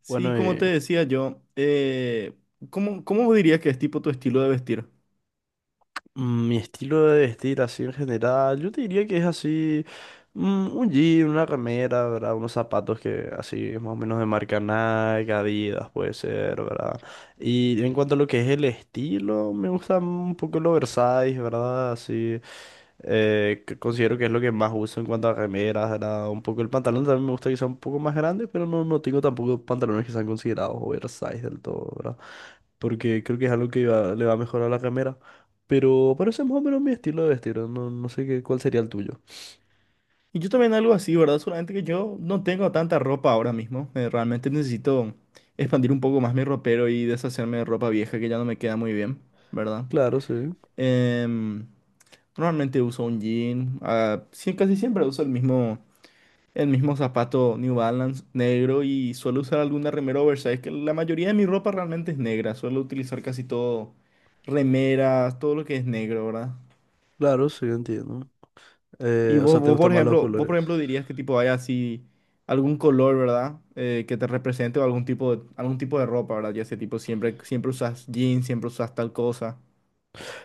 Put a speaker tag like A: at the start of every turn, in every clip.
A: Sí,
B: Bueno,
A: como te decía yo, ¿cómo, cómo dirías que es tipo tu estilo de vestir?
B: mi estilo de vestir así en general, yo te diría que es así, un jean, una remera, ¿verdad? Unos zapatos que así más o menos de marca Nike, Adidas puede ser, ¿verdad? Y en cuanto a lo que es el estilo, me gusta un poco el oversize, ¿verdad? Así, que considero que es lo que más uso en cuanto a remeras, ¿verdad? Un poco el pantalón también me gusta que sea un poco más grande, pero no, no tengo tampoco pantalones que sean considerados oversize del todo, ¿verdad? Porque creo que es algo le va a mejorar a la remera. Pero parece más o menos mi estilo de vestir, no, no sé qué, cuál sería el tuyo.
A: Y yo también algo así, ¿verdad? Solamente que yo no tengo tanta ropa ahora mismo. Realmente necesito expandir un poco más mi ropero y deshacerme de ropa vieja que ya no me queda muy bien, ¿verdad?
B: Claro, sí,
A: Em, Normalmente uso un jean. Ah, sí, casi siempre uso el mismo. El mismo zapato New Balance negro y suelo usar alguna remera oversize, que la mayoría de mi ropa realmente es negra. Suelo utilizar casi todo, remeras, todo lo que es negro, ¿verdad?
B: claro, sí, entiendo.
A: Y
B: O
A: vos,
B: sea, ¿te
A: vos,
B: gustan
A: por
B: más los
A: ejemplo, vos,
B: colores?
A: por ejemplo, dirías que tipo hay así algún color, ¿verdad? Que te represente o algún tipo de ropa, ¿verdad? Ya sea tipo siempre, siempre usas jeans, siempre usas tal cosa.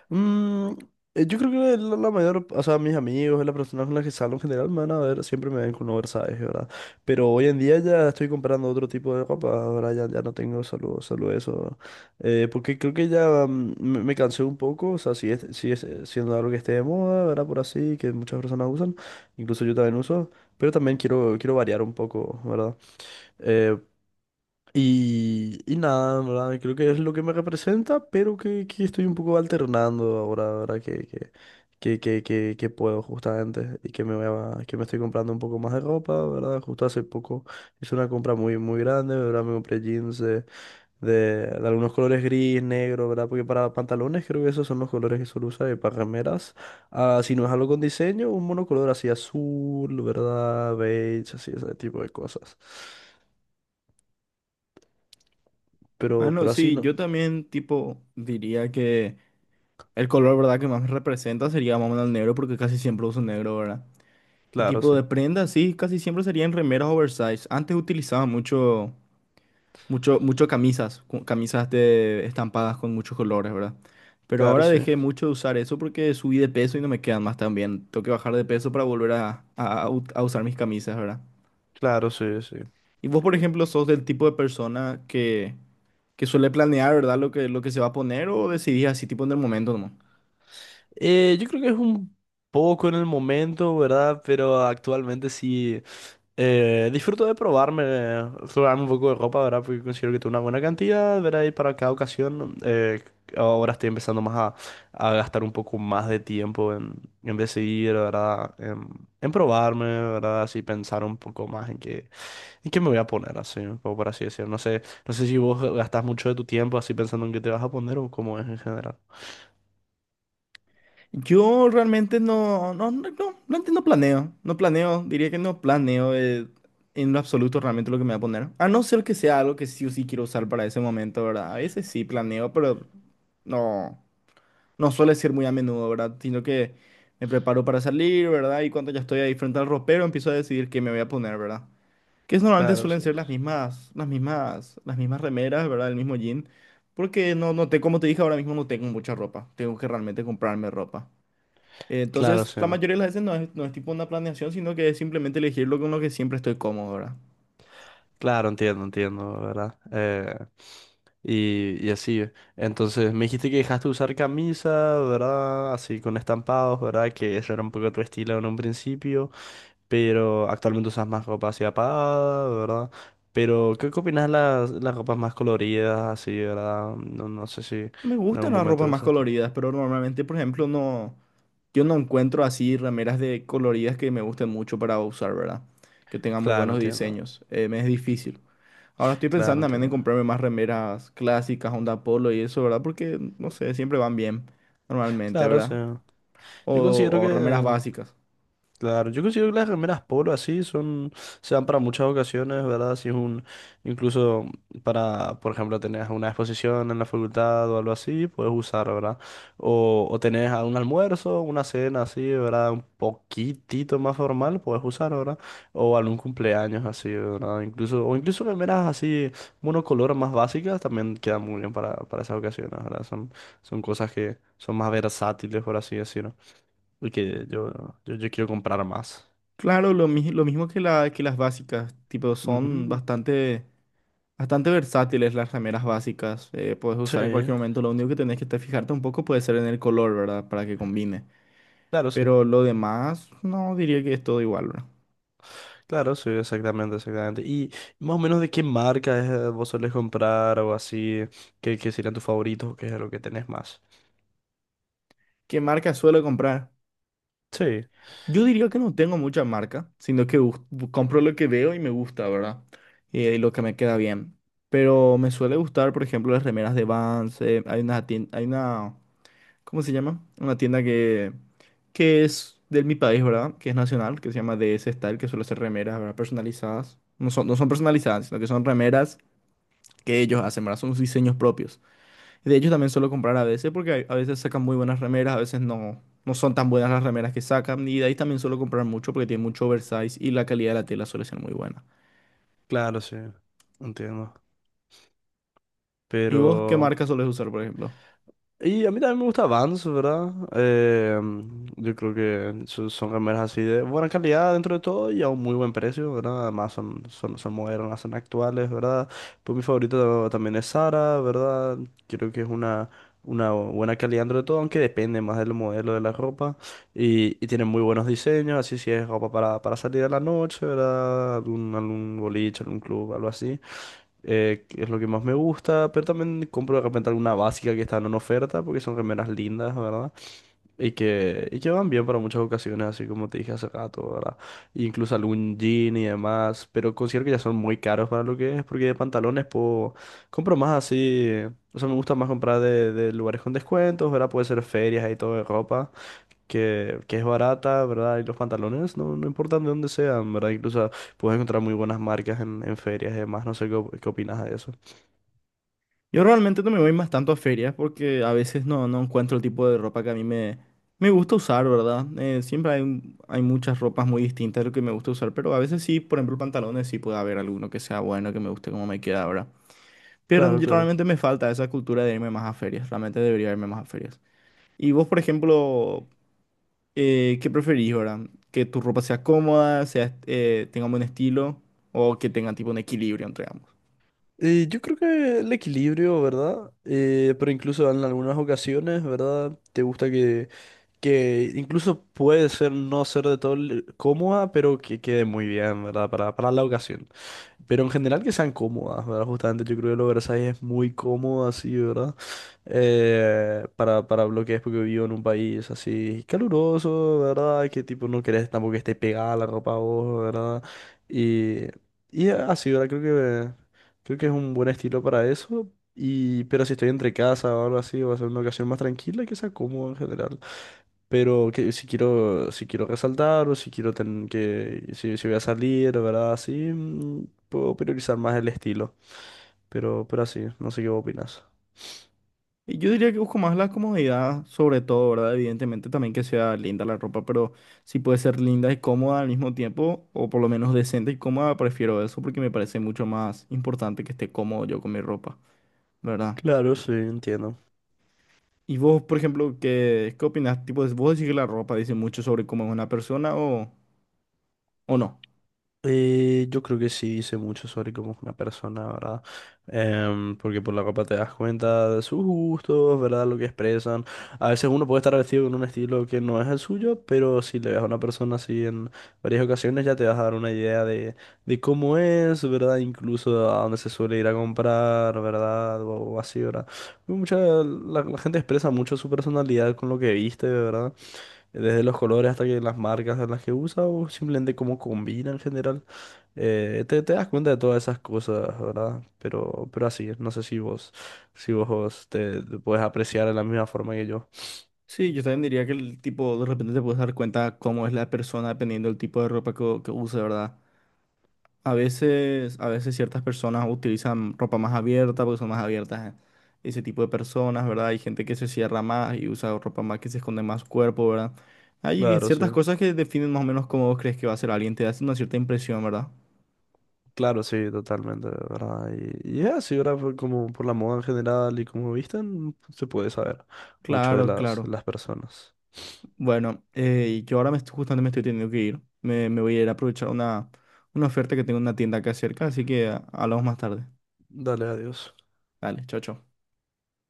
B: Mm, yo creo que la mayor, o sea, mis amigos, las personas con las que salgo en general me van a ver, siempre me ven con oversize, ¿verdad? Pero hoy en día ya estoy comprando otro tipo de ropa, ahora ya, ya no tengo solo eso. Porque creo que ya me cansé un poco, o sea, si es siendo algo que esté de moda, ¿verdad? Por así, que muchas personas usan, incluso yo también uso, pero también quiero, quiero variar un poco, ¿verdad? Eh, y nada, ¿verdad? Creo que es lo que me representa, pero que estoy un poco alternando ahora, ¿verdad? Que puedo justamente y que que me estoy comprando un poco más de ropa, ¿verdad? Justo hace poco hice una compra muy, muy grande, ¿verdad? Me compré jeans de algunos colores gris, negro, ¿verdad? Porque para pantalones creo que esos son los colores que suelo usar y para remeras, ah, si no es algo con diseño, un monocolor así azul, ¿verdad? Beige, así, ese tipo de cosas.
A: Bueno,
B: Pero así
A: sí,
B: no.
A: yo también tipo diría que el color, ¿verdad? Que más me representa sería más o menos el negro porque casi siempre uso negro, ¿verdad? Y
B: Claro,
A: tipo de
B: sí.
A: prendas, sí, casi siempre serían remeras oversize. Antes utilizaba mucho camisas, camisas de estampadas con muchos colores, ¿verdad? Pero
B: Claro,
A: ahora
B: sí.
A: dejé mucho de usar eso porque subí de peso y no me quedan más tan bien. Tengo que bajar de peso para volver a usar mis camisas, ¿verdad?
B: Claro, sí, sí.
A: Y vos, por ejemplo, sos del tipo de persona que suele planear, ¿verdad? Lo que se va a poner o decidís así tipo en el momento nomás.
B: Yo creo que es un poco en el momento, ¿verdad? Pero actualmente sí disfruto de probarme, probarme un poco de ropa, ¿verdad? Porque considero que tengo una buena cantidad, ¿verdad? Y para cada ocasión, ahora estoy empezando más a gastar un poco más de tiempo en decidir, ¿verdad? En probarme, ¿verdad? Así pensar un poco más en qué me voy a poner, así, un poco por así decirlo. No sé, no sé si vos gastas mucho de tu tiempo así pensando en qué te vas a poner o cómo es en general.
A: Yo realmente no, realmente no planeo, diría que no planeo en lo absoluto realmente lo que me voy a poner. A no ser que sea algo que sí o sí quiero usar para ese momento, ¿verdad? A veces sí planeo, pero no, no suele ser muy a menudo, ¿verdad? Sino que me preparo para salir, ¿verdad? Y cuando ya estoy ahí frente al ropero empiezo a decidir qué me voy a poner, ¿verdad? Normalmente
B: Claro,
A: suelen
B: sí.
A: ser las mismas remeras, ¿verdad? El mismo jean. Porque no, no te, como te dije ahora mismo, no tengo mucha ropa. Tengo que realmente comprarme ropa.
B: Claro,
A: Entonces,
B: sí.
A: la mayoría de las veces no es tipo una planeación, sino que es simplemente elegir lo con lo que siempre estoy cómodo, ¿verdad?
B: Claro, entiendo, entiendo, ¿verdad? Y así. Entonces, me dijiste que dejaste de usar camisa, ¿verdad? Así con estampados, ¿verdad? Que eso era un poco tu estilo en un principio, pero actualmente usas más ropa así apagada, ¿verdad? Pero, ¿qué, qué opinas de las ropas más coloridas, así, ¿verdad? No, no sé si
A: Me
B: en algún
A: gustan las
B: momento
A: ropas
B: lo
A: más
B: usaste.
A: coloridas, pero normalmente, por ejemplo, no, yo no encuentro así remeras de coloridas que me gusten mucho para usar, ¿verdad? Que tengan muy
B: Claro,
A: buenos
B: entiendo.
A: diseños. Me es difícil. Ahora estoy
B: Claro,
A: pensando también en
B: entiendo.
A: comprarme más remeras clásicas, onda polo y eso, ¿verdad? Porque, no sé, siempre van bien, normalmente,
B: Claro, sí.
A: ¿verdad?
B: Yo considero
A: O
B: que
A: remeras básicas.
B: claro, yo considero que las remeras polo así son, se dan para muchas ocasiones, ¿verdad? Si es un, incluso para, por ejemplo, tenés una exposición en la facultad o algo así, puedes usar, ¿verdad? O tenés a un almuerzo, una cena así, ¿verdad? Un poquitito más formal, puedes usar, ¿verdad? O algún cumpleaños así, ¿verdad? Incluso, o incluso remeras así, monocolor más básicas, también quedan muy bien para esas ocasiones, ¿verdad? Son, son cosas que son más versátiles, por así decirlo. Porque yo quiero comprar más.
A: Claro, lo mismo que las básicas, tipo, son
B: Ujú.
A: bastante. Bastante versátiles las remeras básicas, puedes
B: Sí,
A: usar en cualquier momento, lo único que tenés que te fijarte un poco puede ser en el color, ¿verdad? Para que combine.
B: claro, sí.
A: Pero lo demás, no diría que es todo igual, ¿verdad?
B: Claro, sí, exactamente, exactamente. ¿Y más o menos de qué marca es, vos solés comprar o así? ¿Qué, qué serían tus favoritos? ¿Qué es lo que tenés más?
A: ¿Qué marca suelo comprar?
B: Sí,
A: Yo diría que no tengo mucha marca, sino que compro lo que veo y me gusta, ¿verdad? Y lo que me queda bien. Pero me suele gustar, por ejemplo, las remeras de Vans, hay una, hay una, ¿cómo se llama? Una tienda que es de mi país, ¿verdad? Que es nacional, que se llama DS Style, que suele hacer remeras, ¿verdad? Personalizadas. No son personalizadas, sino que son remeras que ellos hacen, ¿verdad? Son sus diseños propios. Y de ellos también suelo comprar a veces porque hay- a veces sacan muy buenas remeras, a veces no, no son tan buenas las remeras que sacan. Y de ahí también suelo comprar mucho porque tiene mucho oversize y la calidad de la tela suele ser muy buena.
B: claro, sí. Entiendo.
A: ¿Y vos qué
B: Pero
A: marca sueles usar, por ejemplo?
B: y a mí también me gusta Vans, ¿verdad? Yo creo que son remeras así de buena calidad dentro de todo y a un muy buen precio, ¿verdad? Además son, son, son modernas, son actuales, ¿verdad? Pues mi favorito también es Zara, ¿verdad? Creo que es una buena calidad dentro de todo, aunque depende más del modelo de la ropa. Y tiene muy buenos diseños, así si es ropa para salir a la noche, ¿verdad? Algún, algún boliche, algún club, algo así que es lo que más me gusta, pero también compro de repente alguna básica que están en oferta, porque son remeras lindas, ¿verdad? Y que van bien para muchas ocasiones, así como te dije hace rato, ¿verdad? Incluso algún jean y demás, pero considero que ya son muy caros para lo que es, porque de pantalones puedo, compro más así, o sea, me gusta más comprar de lugares con descuentos, ¿verdad? Puede ser ferias y todo de ropa, que es barata, ¿verdad? Y los pantalones, no, no importan de dónde sean, ¿verdad? Incluso... puedes encontrar muy buenas marcas en ferias y demás. No sé qué, qué opinas de eso.
A: Yo realmente no me voy más tanto a ferias porque a veces no, no encuentro el tipo de ropa que a me gusta usar, ¿verdad? Siempre hay, hay muchas ropas muy distintas de lo que me gusta usar, pero a veces sí, por ejemplo, pantalones sí puede haber alguno que sea bueno, que me guste como me queda ahora. Pero
B: Claro, claro.
A: realmente me falta esa cultura de irme más a ferias, realmente debería irme más a ferias. Y vos, por ejemplo, ¿qué preferís, verdad? ¿Que tu ropa sea cómoda, sea, tenga un buen estilo o que tenga tipo un equilibrio entre ambos?
B: Yo creo que el equilibrio, ¿verdad? Pero incluso en algunas ocasiones, ¿verdad? Te gusta que incluso puede ser no ser de todo cómoda, pero que quede muy bien, ¿verdad? Para la ocasión. Pero en general que sean cómodas, ¿verdad? Justamente yo creo que el oversize es muy cómodo así, ¿verdad? Para bloques, porque vivo en un país así caluroso, ¿verdad? Que tipo no querés tampoco que esté pegada la ropa a vos, ¿verdad? Y, y así, ¿verdad? Creo que es un buen estilo para eso. Y, pero si estoy entre casa o algo así, va a ser una ocasión más tranquila y que sea cómodo en general. Pero que si quiero, si quiero resaltar o si quiero tener que, si, si voy a salir, ¿verdad? Así, puedo priorizar más el estilo. Pero así, no sé qué opinas.
A: Yo diría que busco más la comodidad, sobre todo, ¿verdad? Evidentemente también que sea linda la ropa, pero si puede ser linda y cómoda al mismo tiempo, o por lo menos decente y cómoda, prefiero eso porque me parece mucho más importante que esté cómodo yo con mi ropa, ¿verdad?
B: Claro, sí, entiendo.
A: Y vos, por ejemplo, ¿qué, qué opinás? Tipo, ¿vos decís que la ropa dice mucho sobre cómo es una persona o no?
B: Yo creo que sí dice mucho sobre cómo es una persona, ¿verdad? Porque por la ropa te das cuenta de sus gustos, ¿verdad? Lo que expresan. A veces uno puede estar vestido con un estilo que no es el suyo, pero si le ves a una persona así en varias ocasiones ya te vas a dar una idea de cómo es, ¿verdad? Incluso a dónde se suele ir a comprar, ¿verdad? O así, ¿verdad? Mucha, la gente expresa mucho su personalidad con lo que viste, ¿verdad? Desde los colores hasta que las marcas en las que usa o simplemente cómo combina en general. Te das cuenta de todas esas cosas, ¿verdad? Pero así, es, no sé si vos, si vos te puedes apreciar de la misma forma que yo.
A: Sí, yo también diría que el tipo, de repente te puedes dar cuenta cómo es la persona dependiendo del tipo de ropa que use, ¿verdad? A veces ciertas personas utilizan ropa más abierta porque son más abiertas, ese tipo de personas, ¿verdad? Hay gente que se cierra más y usa ropa más que se esconde más su cuerpo, ¿verdad? Hay
B: Claro,
A: ciertas
B: sí.
A: cosas que definen más o menos cómo vos crees que va a ser alguien, te da una cierta impresión, ¿verdad?
B: Claro, sí, totalmente, ¿verdad? Y es así, ¿verdad? Por- como por la moda en general y cómo visten, se puede saber mucho de
A: Claro, claro.
B: las personas.
A: Bueno, yo ahora me estoy, justamente me estoy teniendo que ir. Me voy a ir a aprovechar una oferta que tengo en una tienda acá cerca, así que ah, hablamos más tarde.
B: Dale, adiós.
A: Dale, chao, chao.